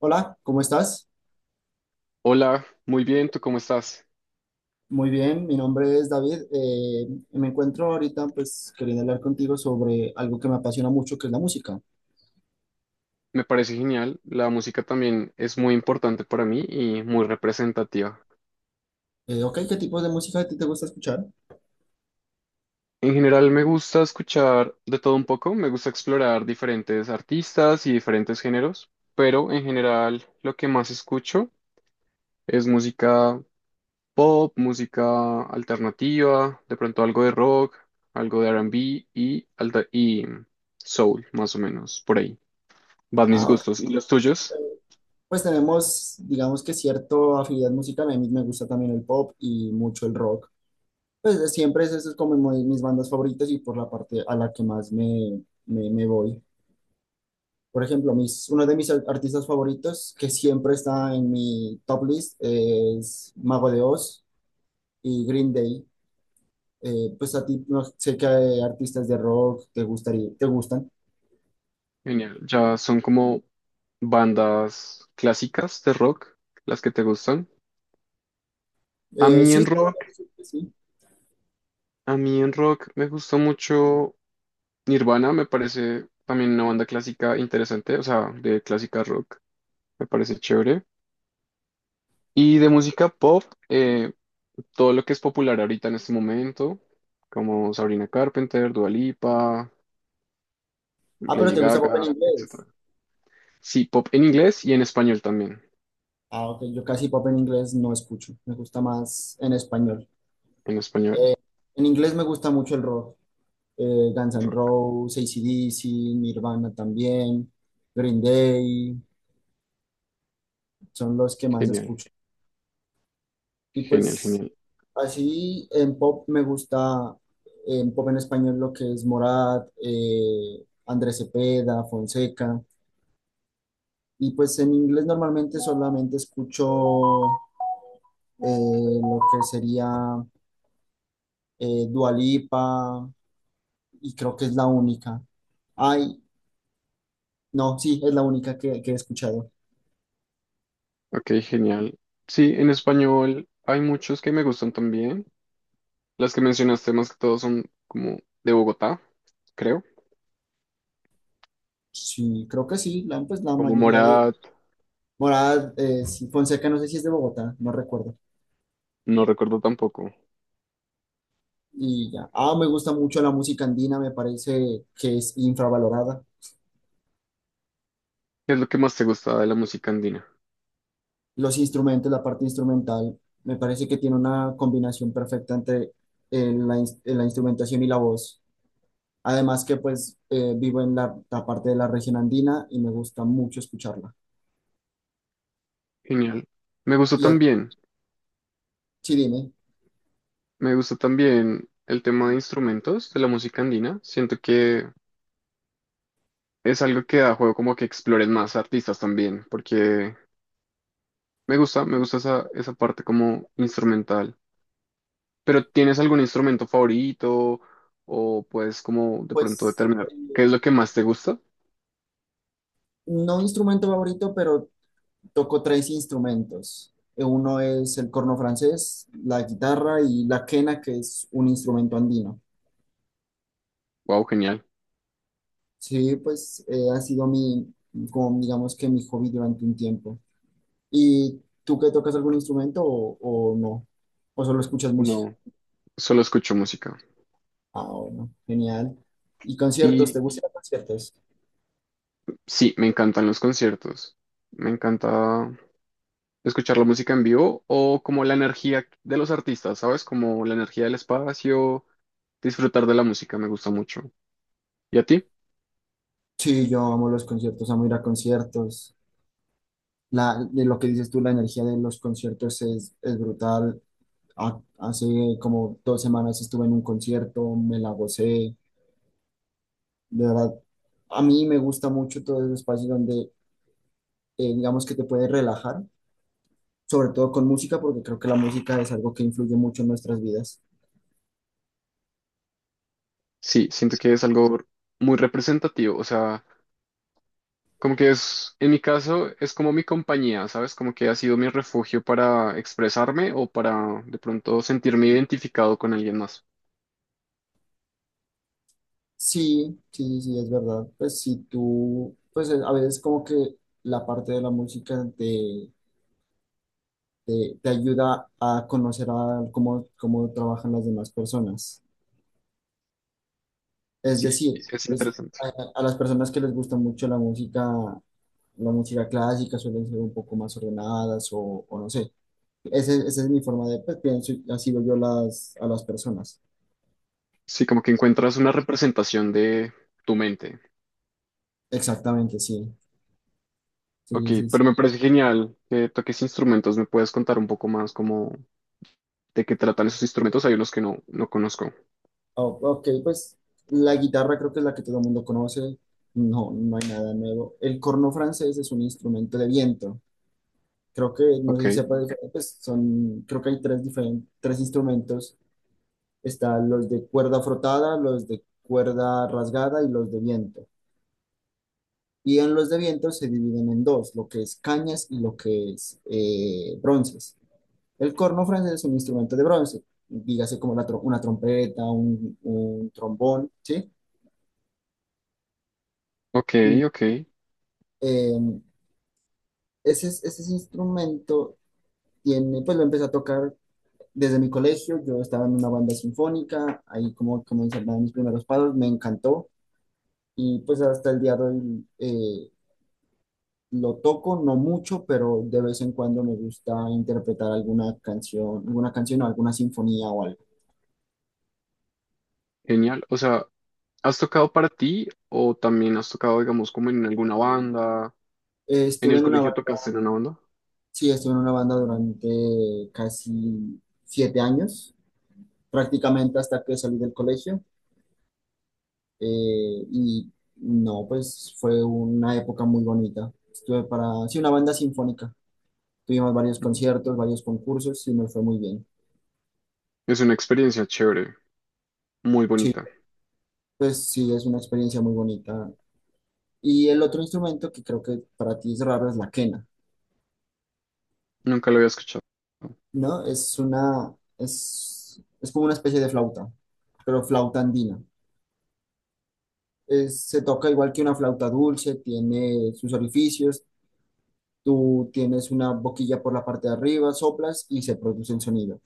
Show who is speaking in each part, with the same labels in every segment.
Speaker 1: Hola, ¿cómo estás?
Speaker 2: Hola, muy bien, ¿tú cómo estás?
Speaker 1: Muy bien, mi nombre es David. Me encuentro ahorita, pues, queriendo hablar contigo sobre algo que me apasiona mucho, que es la música.
Speaker 2: Me parece genial, la música también es muy importante para mí y muy representativa.
Speaker 1: Ok, ¿qué tipos de música a ti te gusta escuchar?
Speaker 2: En general me gusta escuchar de todo un poco, me gusta explorar diferentes artistas y diferentes géneros, pero en general lo que más escucho es música pop, música alternativa, de pronto algo de rock, algo de R&B y, y soul, más o menos, por ahí. Van mis
Speaker 1: Ah, ok.
Speaker 2: gustos. ¿Y los tuyos?
Speaker 1: Pues tenemos, digamos, que cierta afinidad musical. A mí me gusta también el pop y mucho el rock. Pues de siempre es, eso es como mis bandas favoritas y por la parte a la que más me voy. Por ejemplo, uno de mis artistas favoritos, que siempre está en mi top list, es Mago de Oz y Green Day. Pues a ti no sé qué artistas de rock te gustan.
Speaker 2: Genial. Ya son como bandas clásicas de rock las que te gustan. A mí
Speaker 1: Sí,
Speaker 2: en
Speaker 1: sí, podría
Speaker 2: rock,
Speaker 1: decir que sí.
Speaker 2: a mí en rock me gustó mucho Nirvana, me parece también una banda clásica interesante, o sea, de clásica rock, me parece chévere. Y de música pop, eh, todo lo que es popular ahorita en este momento, como Sabrina Carpenter, Dua Lipa,
Speaker 1: Ah, pero
Speaker 2: Lady
Speaker 1: te gusta pop en
Speaker 2: Gaga,
Speaker 1: inglés.
Speaker 2: etcétera. Sí, pop en inglés y en español también.
Speaker 1: Ah, ok, yo casi pop en inglés no escucho, me gusta más en español.
Speaker 2: En español,
Speaker 1: En inglés me gusta mucho el rock, Guns N'
Speaker 2: rock.
Speaker 1: Roses, AC/DC, Nirvana también, Green Day, son los que más
Speaker 2: Genial.
Speaker 1: escucho. Y
Speaker 2: Genial,
Speaker 1: pues
Speaker 2: genial.
Speaker 1: así en pop me gusta, en pop en español lo que es Morat, Andrés Cepeda, Fonseca. Y pues en inglés normalmente solamente escucho lo que sería Dua Lipa, y creo que es la única. Ay, no, sí, es la única que he escuchado.
Speaker 2: Ok, genial. Sí, en español hay muchos que me gustan también. Las que mencionaste más que todos son como de Bogotá, creo.
Speaker 1: Sí, creo que sí, pues la
Speaker 2: Como
Speaker 1: mayoría de...
Speaker 2: Morat,
Speaker 1: Morada, sí, Fonseca, no sé si es de Bogotá, no recuerdo.
Speaker 2: no recuerdo tampoco.
Speaker 1: Y ya. Ah, me gusta mucho la música andina, me parece que es infravalorada.
Speaker 2: ¿Qué es lo que más te gusta de la música andina?
Speaker 1: Los instrumentos, la parte instrumental, me parece que tiene una combinación perfecta entre la instrumentación y la voz. Además que pues vivo en la parte de la región andina y me gusta mucho escucharla.
Speaker 2: Genial. Me gustó
Speaker 1: Y a
Speaker 2: también,
Speaker 1: Sí, dime,
Speaker 2: me gustó también el tema de instrumentos de la música andina. Siento que es algo que da juego como que exploren más artistas también, porque me gusta esa, esa parte como instrumental. ¿Pero tienes algún instrumento favorito o puedes como de pronto
Speaker 1: pues
Speaker 2: determinar qué es lo que más te gusta?
Speaker 1: no instrumento favorito, pero toco 3 instrumentos. Uno es el corno francés, la guitarra y la quena, que es un instrumento andino.
Speaker 2: Wow, genial.
Speaker 1: Sí, pues ha sido mi, como digamos que mi hobby durante un tiempo. ¿Y tú que tocas algún instrumento o no? ¿O solo escuchas música?
Speaker 2: No, solo escucho música.
Speaker 1: Ah, bueno, genial. ¿Y conciertos? ¿Te
Speaker 2: Y
Speaker 1: gustan los conciertos?
Speaker 2: sí, me encantan los conciertos. Me encanta escuchar la música en vivo o como la energía de los artistas, ¿sabes? Como la energía del espacio, disfrutar de la música me gusta mucho. ¿Y a ti?
Speaker 1: Sí, yo amo los conciertos, amo ir a conciertos. La, de lo que dices tú, la energía de los conciertos es brutal. Hace como 2 semanas estuve en un concierto, me la gocé. De verdad, a mí me gusta mucho todo ese espacio donde, digamos que te puedes relajar, sobre todo con música, porque creo que la música es algo que influye mucho en nuestras vidas.
Speaker 2: Sí, siento que es algo muy representativo. O sea, como que es, en mi caso, es como mi compañía, ¿sabes? Como que ha sido mi refugio para expresarme o para de pronto sentirme identificado con alguien más.
Speaker 1: Sí, sí, sí, es verdad. Pues si tú, pues a veces como que la parte de la música te ayuda a conocer a cómo trabajan las demás personas. Es
Speaker 2: Sí,
Speaker 1: decir,
Speaker 2: es
Speaker 1: pues
Speaker 2: interesante.
Speaker 1: a, a las personas que les gusta mucho la música clásica suelen ser un poco más ordenadas o no sé. Esa es mi forma de, pues pienso, y así veo yo a las personas.
Speaker 2: Sí, como que encuentras una representación de tu mente.
Speaker 1: Exactamente, sí.
Speaker 2: Ok,
Speaker 1: Sí, sí,
Speaker 2: pero
Speaker 1: sí.
Speaker 2: me parece genial que toques instrumentos. ¿Me puedes contar un poco más como de qué tratan esos instrumentos? Hay unos que no conozco.
Speaker 1: Oh, ok, pues la guitarra creo que es la que todo el mundo conoce. No, no hay nada nuevo. El corno francés es un instrumento de viento. Creo que, no
Speaker 2: Ok,
Speaker 1: sé si sepa, pues son, creo que hay 3 diferentes, 3 instrumentos. Están los de cuerda frotada, los de cuerda rasgada y los de viento. Y en los de viento se dividen en dos, lo que es cañas y lo que es bronces. El corno francés es un instrumento de bronce, dígase como una trompeta, un trombón, ¿sí?
Speaker 2: ok,
Speaker 1: Mm,
Speaker 2: ok.
Speaker 1: eh, Ese, ese instrumento tiene, pues lo empecé a tocar desde mi colegio, yo estaba en una banda sinfónica, ahí como comencé a dar mis primeros pasos, me encantó y pues hasta el día de hoy lo toco, no mucho, pero de vez en cuando me gusta interpretar alguna canción o alguna sinfonía o algo.
Speaker 2: Genial. O sea, ¿has tocado para ti o también has tocado, digamos, como en alguna banda? ¿En
Speaker 1: Estuve
Speaker 2: el
Speaker 1: en una,
Speaker 2: colegio
Speaker 1: ba-
Speaker 2: tocaste en una banda?
Speaker 1: Sí, estuve en una banda durante casi 7 años, prácticamente hasta que salí del colegio y no, pues fue una época muy bonita. Estuve para, sí, una banda sinfónica. Tuvimos varios
Speaker 2: Ujú.
Speaker 1: conciertos, varios concursos y nos fue muy bien.
Speaker 2: Es una experiencia chévere, muy
Speaker 1: Sí,
Speaker 2: bonita.
Speaker 1: pues sí, es una experiencia muy bonita. Y el otro instrumento que creo que para ti es raro es la quena,
Speaker 2: Nunca lo había escuchado.
Speaker 1: ¿no? Es una, es como una especie de flauta, pero flauta andina. Se toca igual que una flauta dulce, tiene sus orificios, tú tienes una boquilla por la parte de arriba, soplas y se produce el sonido.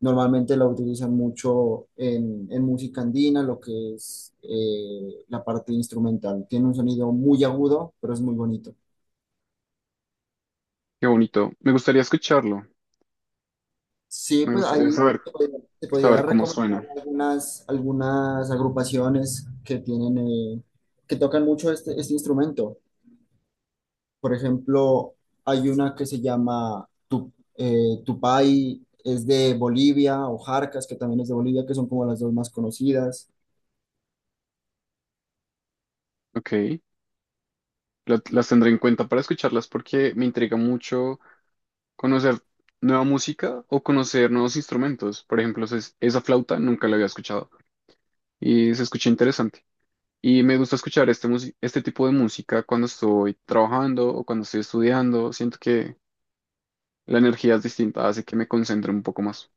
Speaker 1: Normalmente la utilizan mucho en música andina, lo que es la parte instrumental. Tiene un sonido muy agudo, pero es muy bonito.
Speaker 2: Qué bonito. Me gustaría escucharlo.
Speaker 1: Sí,
Speaker 2: Me
Speaker 1: pues
Speaker 2: gustaría
Speaker 1: ahí
Speaker 2: saber,
Speaker 1: te podría
Speaker 2: saber cómo
Speaker 1: recomendar
Speaker 2: suena.
Speaker 1: algunas, algunas agrupaciones que tienen, que tocan mucho este, este instrumento. Por ejemplo, hay una que se llama Tupai, es de Bolivia, o Jarcas, que también es de Bolivia, que son como las dos más conocidas.
Speaker 2: Ok, la- las tendré en cuenta para escucharlas porque me intriga mucho conocer nueva música o conocer nuevos instrumentos. Por ejemplo, esa flauta nunca la había escuchado y se escucha interesante. Y me gusta escuchar este tipo de música cuando estoy trabajando o cuando estoy estudiando. Siento que la energía es distinta, hace que me concentre un poco más.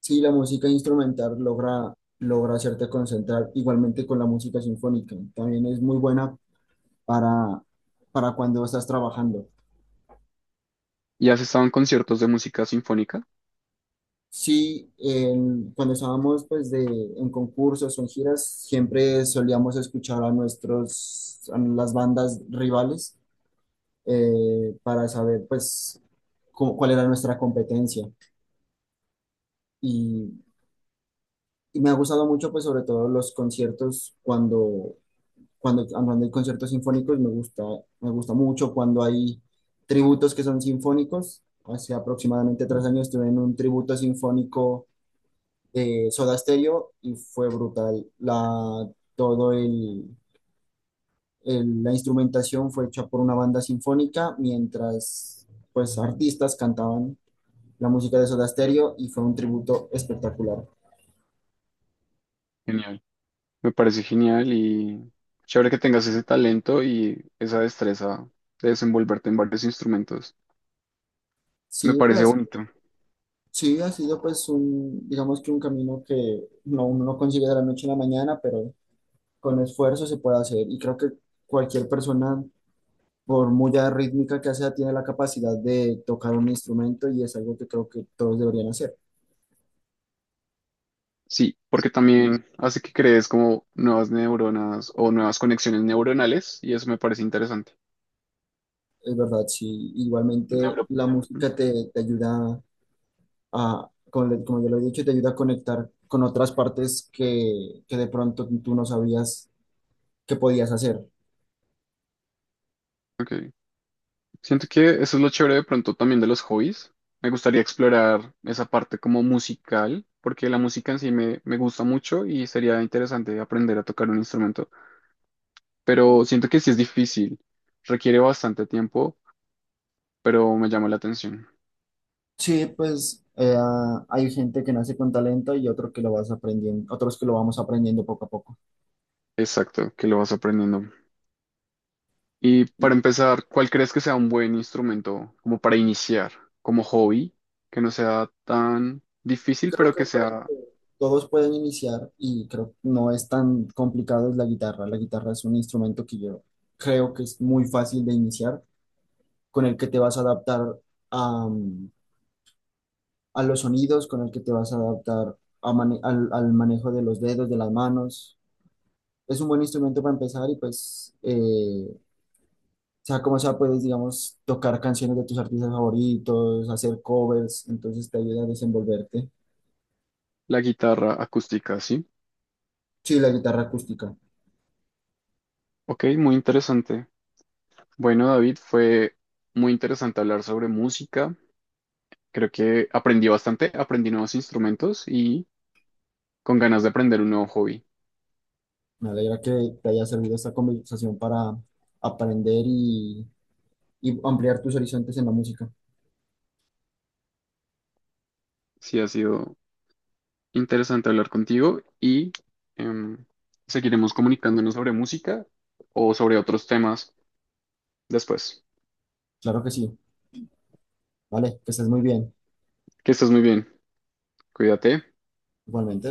Speaker 1: Sí, la música instrumental logra hacerte concentrar igualmente con la música sinfónica. También es muy buena para, para cuando estás trabajando.
Speaker 2: ¿Y has estado en conciertos de música sinfónica?
Speaker 1: Sí, cuando estábamos pues de, en concursos o en giras, siempre solíamos escuchar a nuestros, a las bandas rivales para saber pues cuál era nuestra competencia. Y, y me ha gustado mucho pues sobre todo los conciertos cuando cuando hay conciertos sinfónicos me gusta mucho cuando hay tributos que son sinfónicos. Hace aproximadamente 3 años estuve en un tributo sinfónico de Soda Stereo y fue brutal. La, todo el, la instrumentación fue hecha por una banda sinfónica mientras pues artistas cantaban la música de Soda Stereo y fue un tributo espectacular.
Speaker 2: Genial. Me parece genial y chévere que tengas ese talento y esa destreza de desenvolverte en varios instrumentos. Me
Speaker 1: Sí,
Speaker 2: parece
Speaker 1: pues
Speaker 2: bonito.
Speaker 1: sí, ha sido pues un, digamos que un camino que no, uno no consigue de la noche a la mañana, pero con esfuerzo se puede hacer y creo que cualquier persona, por muy rítmica que sea, tiene la capacidad de tocar un instrumento y es algo que creo que todos deberían hacer.
Speaker 2: Sí, porque también hace que crees como nuevas neuronas o nuevas conexiones neuronales y eso me parece interesante.
Speaker 1: Es verdad, sí. Igualmente
Speaker 2: Neuro.
Speaker 1: la
Speaker 2: Ujú.
Speaker 1: música te ayuda como ya lo he dicho, te ayuda a conectar con otras partes que de pronto tú no sabías que podías hacer.
Speaker 2: Ok. Siento que eso es lo chévere de pronto también de los hobbies. Me gustaría explorar esa parte como musical, porque la música en sí me gusta mucho y sería interesante aprender a tocar un instrumento. Pero siento que sí es difícil, requiere bastante tiempo, pero me llama la atención.
Speaker 1: Sí, pues hay gente que nace con talento y otro que lo vas aprendiendo, otros que lo vamos aprendiendo poco a poco.
Speaker 2: Exacto, que lo vas aprendiendo. Y para empezar, ¿cuál crees que sea un buen instrumento como para iniciar, como hobby, que no sea tan difícil,
Speaker 1: Creo
Speaker 2: pero que
Speaker 1: que con el
Speaker 2: sea
Speaker 1: que todos pueden iniciar y creo que no es tan complicado es la guitarra. La guitarra es un instrumento que yo creo que es muy fácil de iniciar, con el que te vas a adaptar a, mm, a los sonidos, con el que te vas a adaptar a al manejo de los dedos, de las manos. Es un buen instrumento para empezar y pues, sea como sea, puedes, digamos, tocar canciones de tus artistas favoritos, hacer covers, entonces te ayuda a desenvolverte.
Speaker 2: la guitarra acústica, ¿sí?
Speaker 1: Sí, la guitarra acústica.
Speaker 2: Ok, muy interesante. Bueno, David, fue muy interesante hablar sobre música. Creo que aprendí bastante, aprendí nuevos instrumentos y con ganas de aprender un nuevo hobby.
Speaker 1: Me alegra que te haya servido esta conversación para aprender y ampliar tus horizontes en la música.
Speaker 2: Sí, ha sido interesante hablar contigo y em, seguiremos comunicándonos sobre música o sobre otros temas después.
Speaker 1: Claro que sí. Vale, que estés muy bien.
Speaker 2: Que estés muy bien, cuídate.
Speaker 1: Igualmente.